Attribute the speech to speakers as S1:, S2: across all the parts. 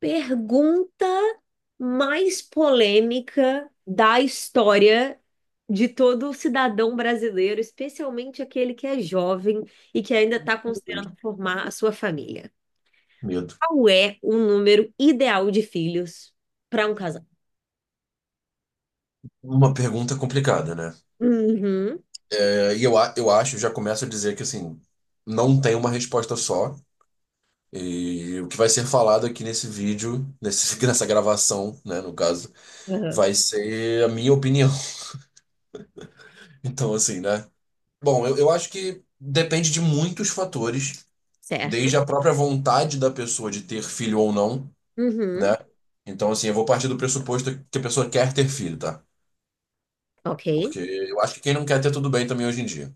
S1: Pergunta mais polêmica da história de todo cidadão brasileiro, especialmente aquele que é jovem e que ainda está
S2: Deus,
S1: considerando formar a sua família.
S2: Medo.
S1: Qual é o número ideal de filhos para um casal?
S2: Uma pergunta complicada, né?
S1: Uhum,
S2: É, e eu acho, já começo a dizer que assim, não tem uma resposta só. E o que vai ser falado aqui nesse vídeo, nessa gravação, né, no caso,
S1: uhum,
S2: vai ser a minha opinião. Então, assim, né? Bom, eu acho que depende de muitos fatores,
S1: certo.
S2: desde a própria vontade da pessoa de ter filho ou não,
S1: Uhum,
S2: né? Então, assim, eu vou partir do pressuposto que a pessoa quer ter filho, tá?
S1: ok.
S2: Porque eu acho que quem não quer ter tudo bem também hoje em dia.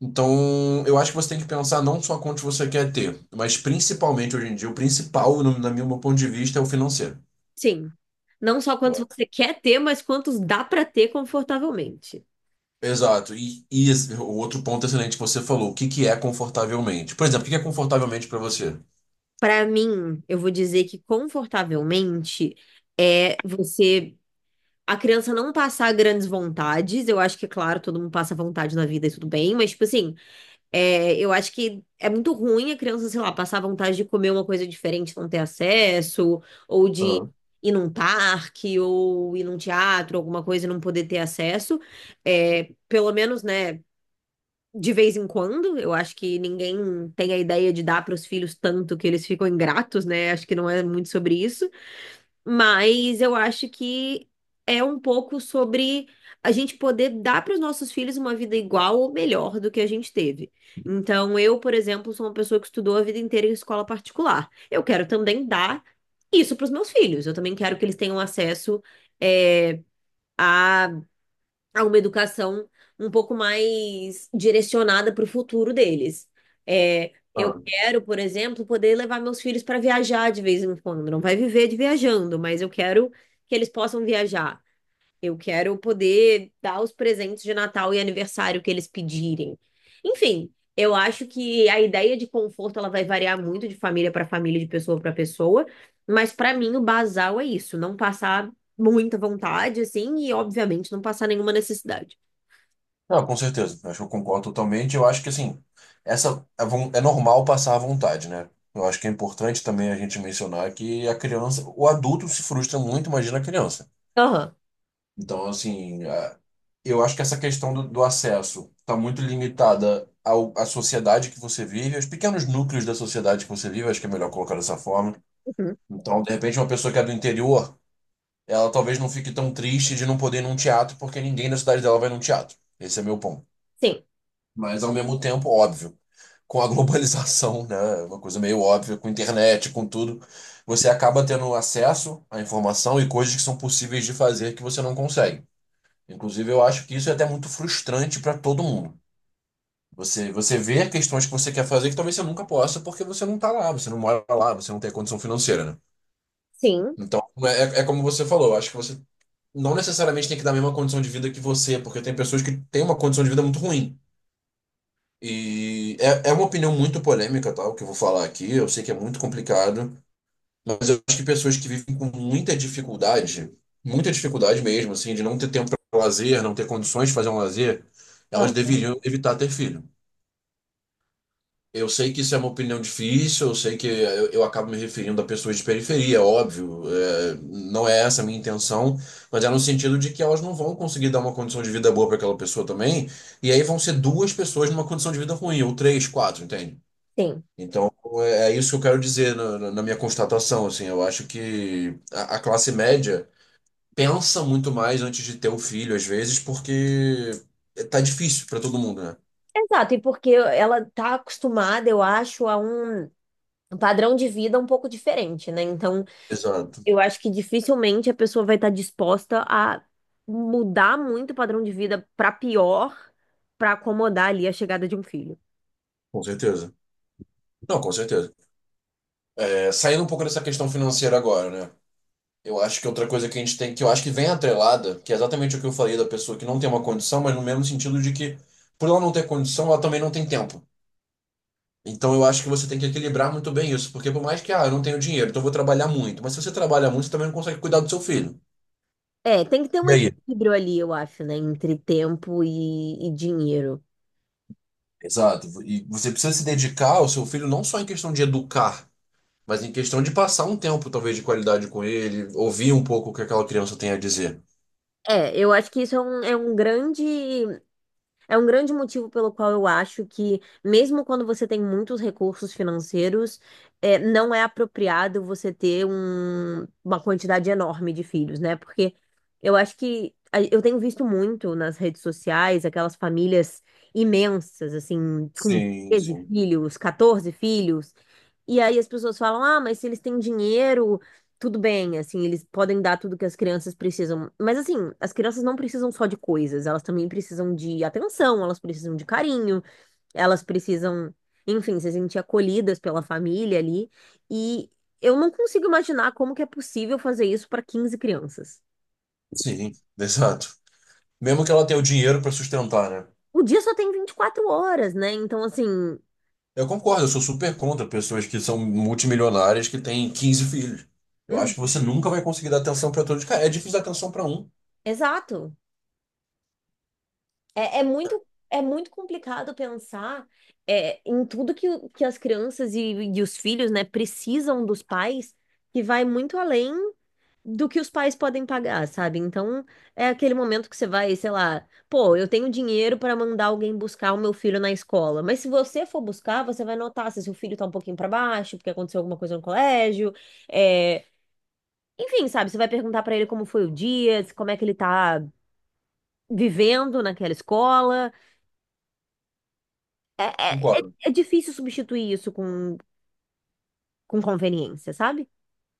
S2: Então, eu acho que você tem que pensar não só quanto você quer ter, mas principalmente hoje em dia, o principal, no meu ponto de vista, é o financeiro.
S1: Sim. Não só quantos
S2: Eu-
S1: você quer ter, mas quantos dá para ter confortavelmente.
S2: Exato. E o outro ponto excelente que você falou, o que que é confortavelmente? Por exemplo, o que que é confortavelmente para você?
S1: Para mim, eu vou dizer que confortavelmente é você. A criança não passar grandes vontades. Eu acho que, claro, todo mundo passa vontade na vida e tudo bem, mas, tipo assim, é, eu acho que é muito ruim a criança, sei lá, passar vontade de comer uma coisa diferente, e não ter acesso, ou de
S2: Ah,
S1: ir num parque, ou ir num teatro, alguma coisa e não poder ter acesso. É, pelo menos, né? De vez em quando. Eu acho que ninguém tem a ideia de dar para os filhos tanto que eles ficam ingratos, né? Acho que não é muito sobre isso. Mas eu acho que é um pouco sobre a gente poder dar para os nossos filhos uma vida igual ou melhor do que a gente teve. Então, eu, por exemplo, sou uma pessoa que estudou a vida inteira em escola particular. Eu quero também dar isso para os meus filhos. Eu também quero que eles tenham acesso, eh, a a uma educação um pouco mais direcionada para o futuro deles. É, eu
S2: ah.
S1: quero, por exemplo, poder levar meus filhos para viajar de vez em quando. Não vai viver de viajando, mas eu quero que eles possam viajar. Eu quero poder dar os presentes de Natal e aniversário que eles pedirem. Enfim, eu acho que a ideia de conforto ela vai variar muito de família para família, de pessoa para pessoa, mas para mim o basal é isso, não passar muita vontade assim e obviamente não passar nenhuma necessidade.
S2: Ah, com certeza. Acho que eu concordo totalmente. Eu acho que assim, essa é normal passar à vontade, né? Eu acho que é importante também a gente mencionar que a criança, o adulto se frustra muito, imagina a criança.
S1: Aham.
S2: Então, assim, eu acho que essa questão do acesso está muito limitada à sociedade que você vive, aos pequenos núcleos da sociedade que você vive, acho que é melhor colocar dessa forma.
S1: Uhum.
S2: Então, de repente, uma pessoa que é do interior, ela talvez não fique tão triste de não poder ir num teatro, porque ninguém na cidade dela vai num teatro. Esse é meu ponto.
S1: Sim,
S2: Mas, ao mesmo tempo, óbvio, com a globalização, né, uma coisa meio óbvia, com internet, com tudo, você acaba tendo acesso à informação e coisas que são possíveis de fazer que você não consegue. Inclusive, eu acho que isso é até muito frustrante para todo mundo. Você vê questões que você quer fazer que talvez você nunca possa, porque você não tá lá, você não mora lá, você não tem a condição financeira, né?
S1: sim,
S2: Então, é como você falou, eu acho que você não necessariamente tem que dar a mesma condição de vida que você, porque tem pessoas que têm uma condição de vida muito ruim. E é uma opinião muito polêmica, tal, que eu vou falar aqui, eu sei que é muito complicado. Mas eu acho que pessoas que vivem com muita dificuldade mesmo, assim, de não ter tempo para lazer, não ter condições de fazer um lazer, elas
S1: Aham.
S2: deveriam evitar ter filho. Eu sei que isso é uma opinião difícil, eu sei que eu acabo me referindo a pessoas de periferia, óbvio, é, não é essa a minha intenção, mas é no sentido de que elas não vão conseguir dar uma condição de vida boa para aquela pessoa também, e aí vão ser duas pessoas numa condição de vida ruim, ou três, quatro, entende?
S1: Sim.
S2: Então, é isso que eu quero dizer na, na minha constatação, assim, eu acho que a classe média pensa muito mais antes de ter o filho, às vezes, porque tá difícil para todo mundo, né?
S1: Exato, e porque ela tá acostumada, eu acho, a um padrão de vida um pouco diferente, né? Então,
S2: Exato,
S1: eu acho que dificilmente a pessoa vai estar disposta a mudar muito o padrão de vida para pior, para acomodar ali a chegada de um filho.
S2: com certeza. Não, com certeza. É, saindo um pouco dessa questão financeira agora, né? Eu acho que outra coisa que a gente tem, que eu acho que vem atrelada, que é exatamente o que eu falei da pessoa que não tem uma condição, mas no mesmo sentido de que, por ela não ter condição, ela também não tem tempo. Então eu acho que você tem que equilibrar muito bem isso, porque por mais que, ah, eu não tenho dinheiro, então eu vou trabalhar muito. Mas se você trabalha muito, você também não consegue cuidar do seu filho.
S1: É, tem que ter um
S2: E aí?
S1: equilíbrio ali, eu acho, né, entre tempo e dinheiro.
S2: Exato. E você precisa se dedicar ao seu filho não só em questão de educar, mas em questão de passar um tempo, talvez, de qualidade com ele, ouvir um pouco o que aquela criança tem a dizer.
S1: É, eu acho que isso é um grande. É um grande motivo pelo qual eu acho que, mesmo quando você tem muitos recursos financeiros, é, não é apropriado você ter uma quantidade enorme de filhos, né? Porque eu acho que eu tenho visto muito nas redes sociais aquelas famílias imensas, assim, com
S2: Sim,
S1: 13
S2: sim.
S1: filhos, 14 filhos. E aí as pessoas falam: ah, mas se eles têm dinheiro, tudo bem, assim, eles podem dar tudo que as crianças precisam. Mas assim, as crianças não precisam só de coisas, elas também precisam de atenção, elas precisam de carinho, elas precisam, enfim, se sentir acolhidas pela família ali. E eu não consigo imaginar como que é possível fazer isso para 15 crianças.
S2: Sim, exato. Mesmo que ela tenha o dinheiro para sustentar, né?
S1: O dia só tem 24 horas, né? Então, assim,
S2: Eu concordo, eu sou super contra pessoas que são multimilionárias que têm 15 filhos. Eu acho que
S1: hum,
S2: você nunca vai conseguir dar atenção para todos. Cara, é difícil dar atenção para um.
S1: exato. É muito complicado pensar em tudo que, que as crianças e os filhos, né, precisam dos pais, que vai muito além do que os pais podem pagar, sabe? Então, é aquele momento que você vai, sei lá, pô, eu tenho dinheiro para mandar alguém buscar o meu filho na escola, mas se você for buscar, você vai notar se seu filho tá um pouquinho para baixo, porque aconteceu alguma coisa no colégio. é, Enfim, sabe? Você vai perguntar para ele como foi o dia, como é que ele tá vivendo naquela escola. É, é, é
S2: Concordo.
S1: é difícil substituir isso com conveniência, sabe?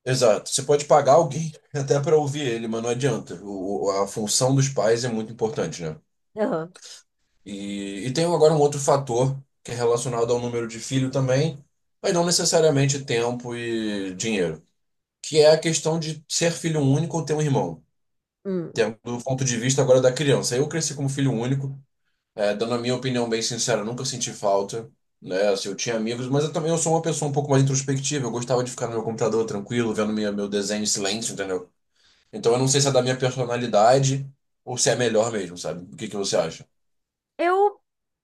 S2: Exato. Você pode pagar alguém até para ouvir ele, mas não adianta. A função dos pais é muito importante, né?
S1: Aham.
S2: E tem agora um outro fator que é relacionado ao número de filho também, mas não necessariamente tempo e dinheiro, que é a questão de ser filho único ou ter um irmão.
S1: Hum.
S2: Tendo do ponto de vista agora da criança. Eu cresci como filho único. É, dando a minha opinião bem sincera, eu nunca senti falta, né? Assim, eu tinha amigos, mas eu também eu sou uma pessoa um pouco mais introspectiva. Eu gostava de ficar no meu computador tranquilo, vendo meu desenho em silêncio, entendeu? Então eu não sei se é da minha personalidade ou se é melhor mesmo, sabe? O que que você acha?
S1: Eu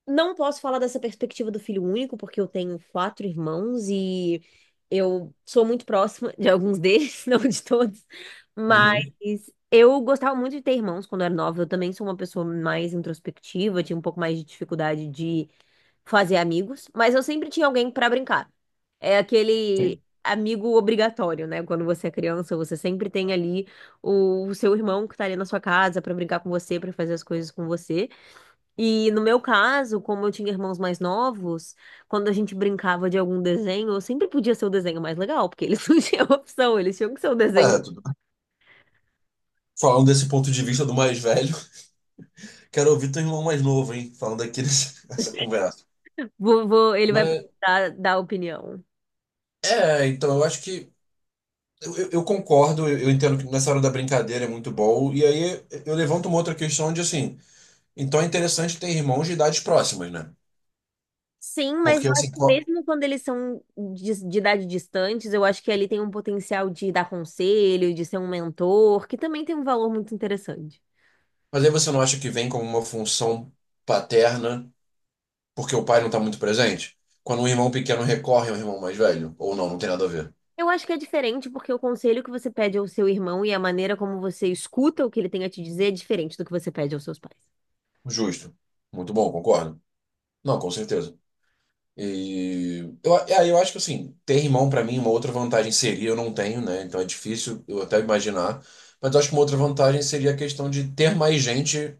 S1: não posso falar dessa perspectiva do filho único, porque eu tenho quatro irmãos e eu sou muito próxima de alguns deles, não de todos, mas
S2: Uhum,
S1: eu gostava muito de ter irmãos quando eu era nova. Eu também sou uma pessoa mais introspectiva, tinha um pouco mais de dificuldade de fazer amigos, mas eu sempre tinha alguém pra brincar. É aquele
S2: sim.
S1: amigo obrigatório, né? Quando você é criança, você sempre tem ali seu irmão que tá ali na sua casa pra brincar com você, pra fazer as coisas com você. E no meu caso, como eu tinha irmãos mais novos, quando a gente brincava de algum desenho, eu sempre podia ser o desenho mais legal, porque eles não tinham opção, eles tinham que ser o desenho.
S2: É, tudo Falando desse ponto de vista do mais velho, quero ouvir teu irmão mais novo, hein? Falando aqui nessa nessa conversa.
S1: Ele vai
S2: Mas,
S1: dar opinião.
S2: é, então eu acho que. Eu concordo, eu entendo que nessa hora da brincadeira é muito bom. E aí eu levanto uma outra questão de assim. Então é interessante ter irmãos de idades próximas, né?
S1: Sim, mas
S2: Porque
S1: eu
S2: assim,
S1: acho que mesmo quando eles são de idade distantes, eu acho que ali tem um potencial de dar conselho, de ser um mentor, que também tem um valor muito interessante.
S2: mas aí você não acha que vem como uma função paterna porque o pai não está muito presente? Quando um irmão pequeno recorre ao irmão mais velho? Ou não, não tem nada a ver.
S1: Eu acho que é diferente porque o conselho que você pede ao seu irmão e a maneira como você escuta o que ele tem a te dizer é diferente do que você pede aos seus pais.
S2: Justo. Muito bom, concordo. Não, com certeza. E eu, é, eu acho que assim, ter irmão para mim, é uma outra vantagem seria, eu não tenho, né? Então é difícil eu até imaginar. Mas eu acho que uma outra vantagem seria a questão de ter mais gente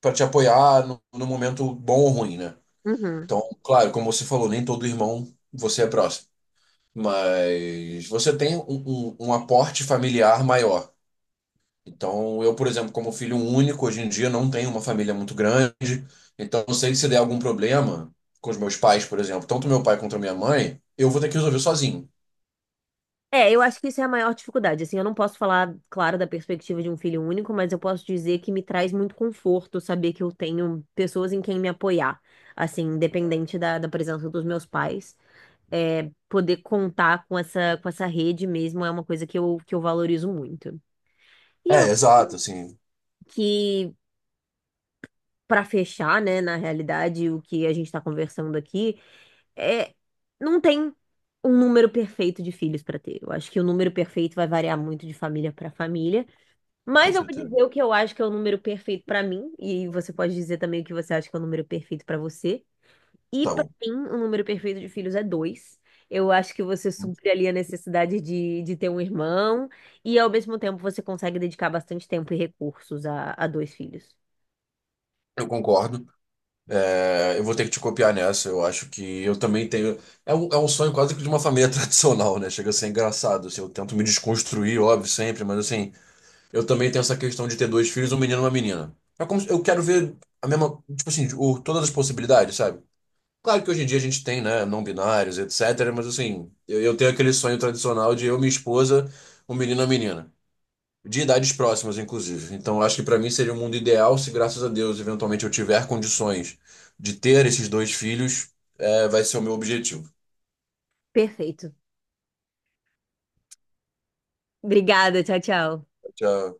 S2: para te apoiar no, no momento bom ou ruim, né?
S1: Uhum.
S2: Então, claro, como você falou, nem todo irmão você é próximo, mas você tem um aporte familiar maior. Então, eu, por exemplo, como filho único, hoje em dia não tenho uma família muito grande, então eu sei que se der algum problema com os meus pais, por exemplo, tanto meu pai quanto minha mãe, eu vou ter que resolver sozinho.
S1: É, eu acho que isso é a maior dificuldade. Assim, eu não posso falar, claro, da perspectiva de um filho único, mas eu posso dizer que me traz muito conforto saber que eu tenho pessoas em quem me apoiar, assim, independente da presença dos meus pais. É, poder contar com com essa rede mesmo é uma coisa que que eu valorizo muito. E eu
S2: É,
S1: acho
S2: exato, assim,
S1: que, para fechar, né, na realidade, o que a gente está conversando aqui é não tem um número perfeito de filhos para ter. Eu acho que o número perfeito vai variar muito de família para família.
S2: com
S1: Mas eu vou
S2: certeza.
S1: dizer o que eu acho que é o número perfeito pra mim, e você pode dizer também o que você acha que é o número perfeito pra você. E
S2: Tá
S1: pra
S2: bom.
S1: mim, o número perfeito de filhos é dois. Eu acho que você supre ali a necessidade de ter um irmão, e ao mesmo tempo você consegue dedicar bastante tempo e recursos a dois filhos.
S2: Eu concordo. É, eu vou ter que te copiar nessa. Eu acho que eu também tenho. É um sonho quase que de uma família tradicional, né? Chega a ser engraçado. Assim, eu tento me desconstruir, óbvio, sempre, mas assim, eu também tenho essa questão de ter 2 filhos, um menino e uma menina. É como se- Eu quero ver a mesma, tipo assim, todas as possibilidades, sabe? Claro que hoje em dia a gente tem, né, não binários, etc. Mas assim, eu tenho aquele sonho tradicional de eu, minha esposa, um menino e uma menina. De idades próximas, inclusive. Então, eu acho que para mim seria o mundo ideal se, graças a Deus, eventualmente eu tiver condições de ter esses dois filhos, é, vai ser o meu objetivo.
S1: Perfeito. Obrigada, tchau, tchau.
S2: Já-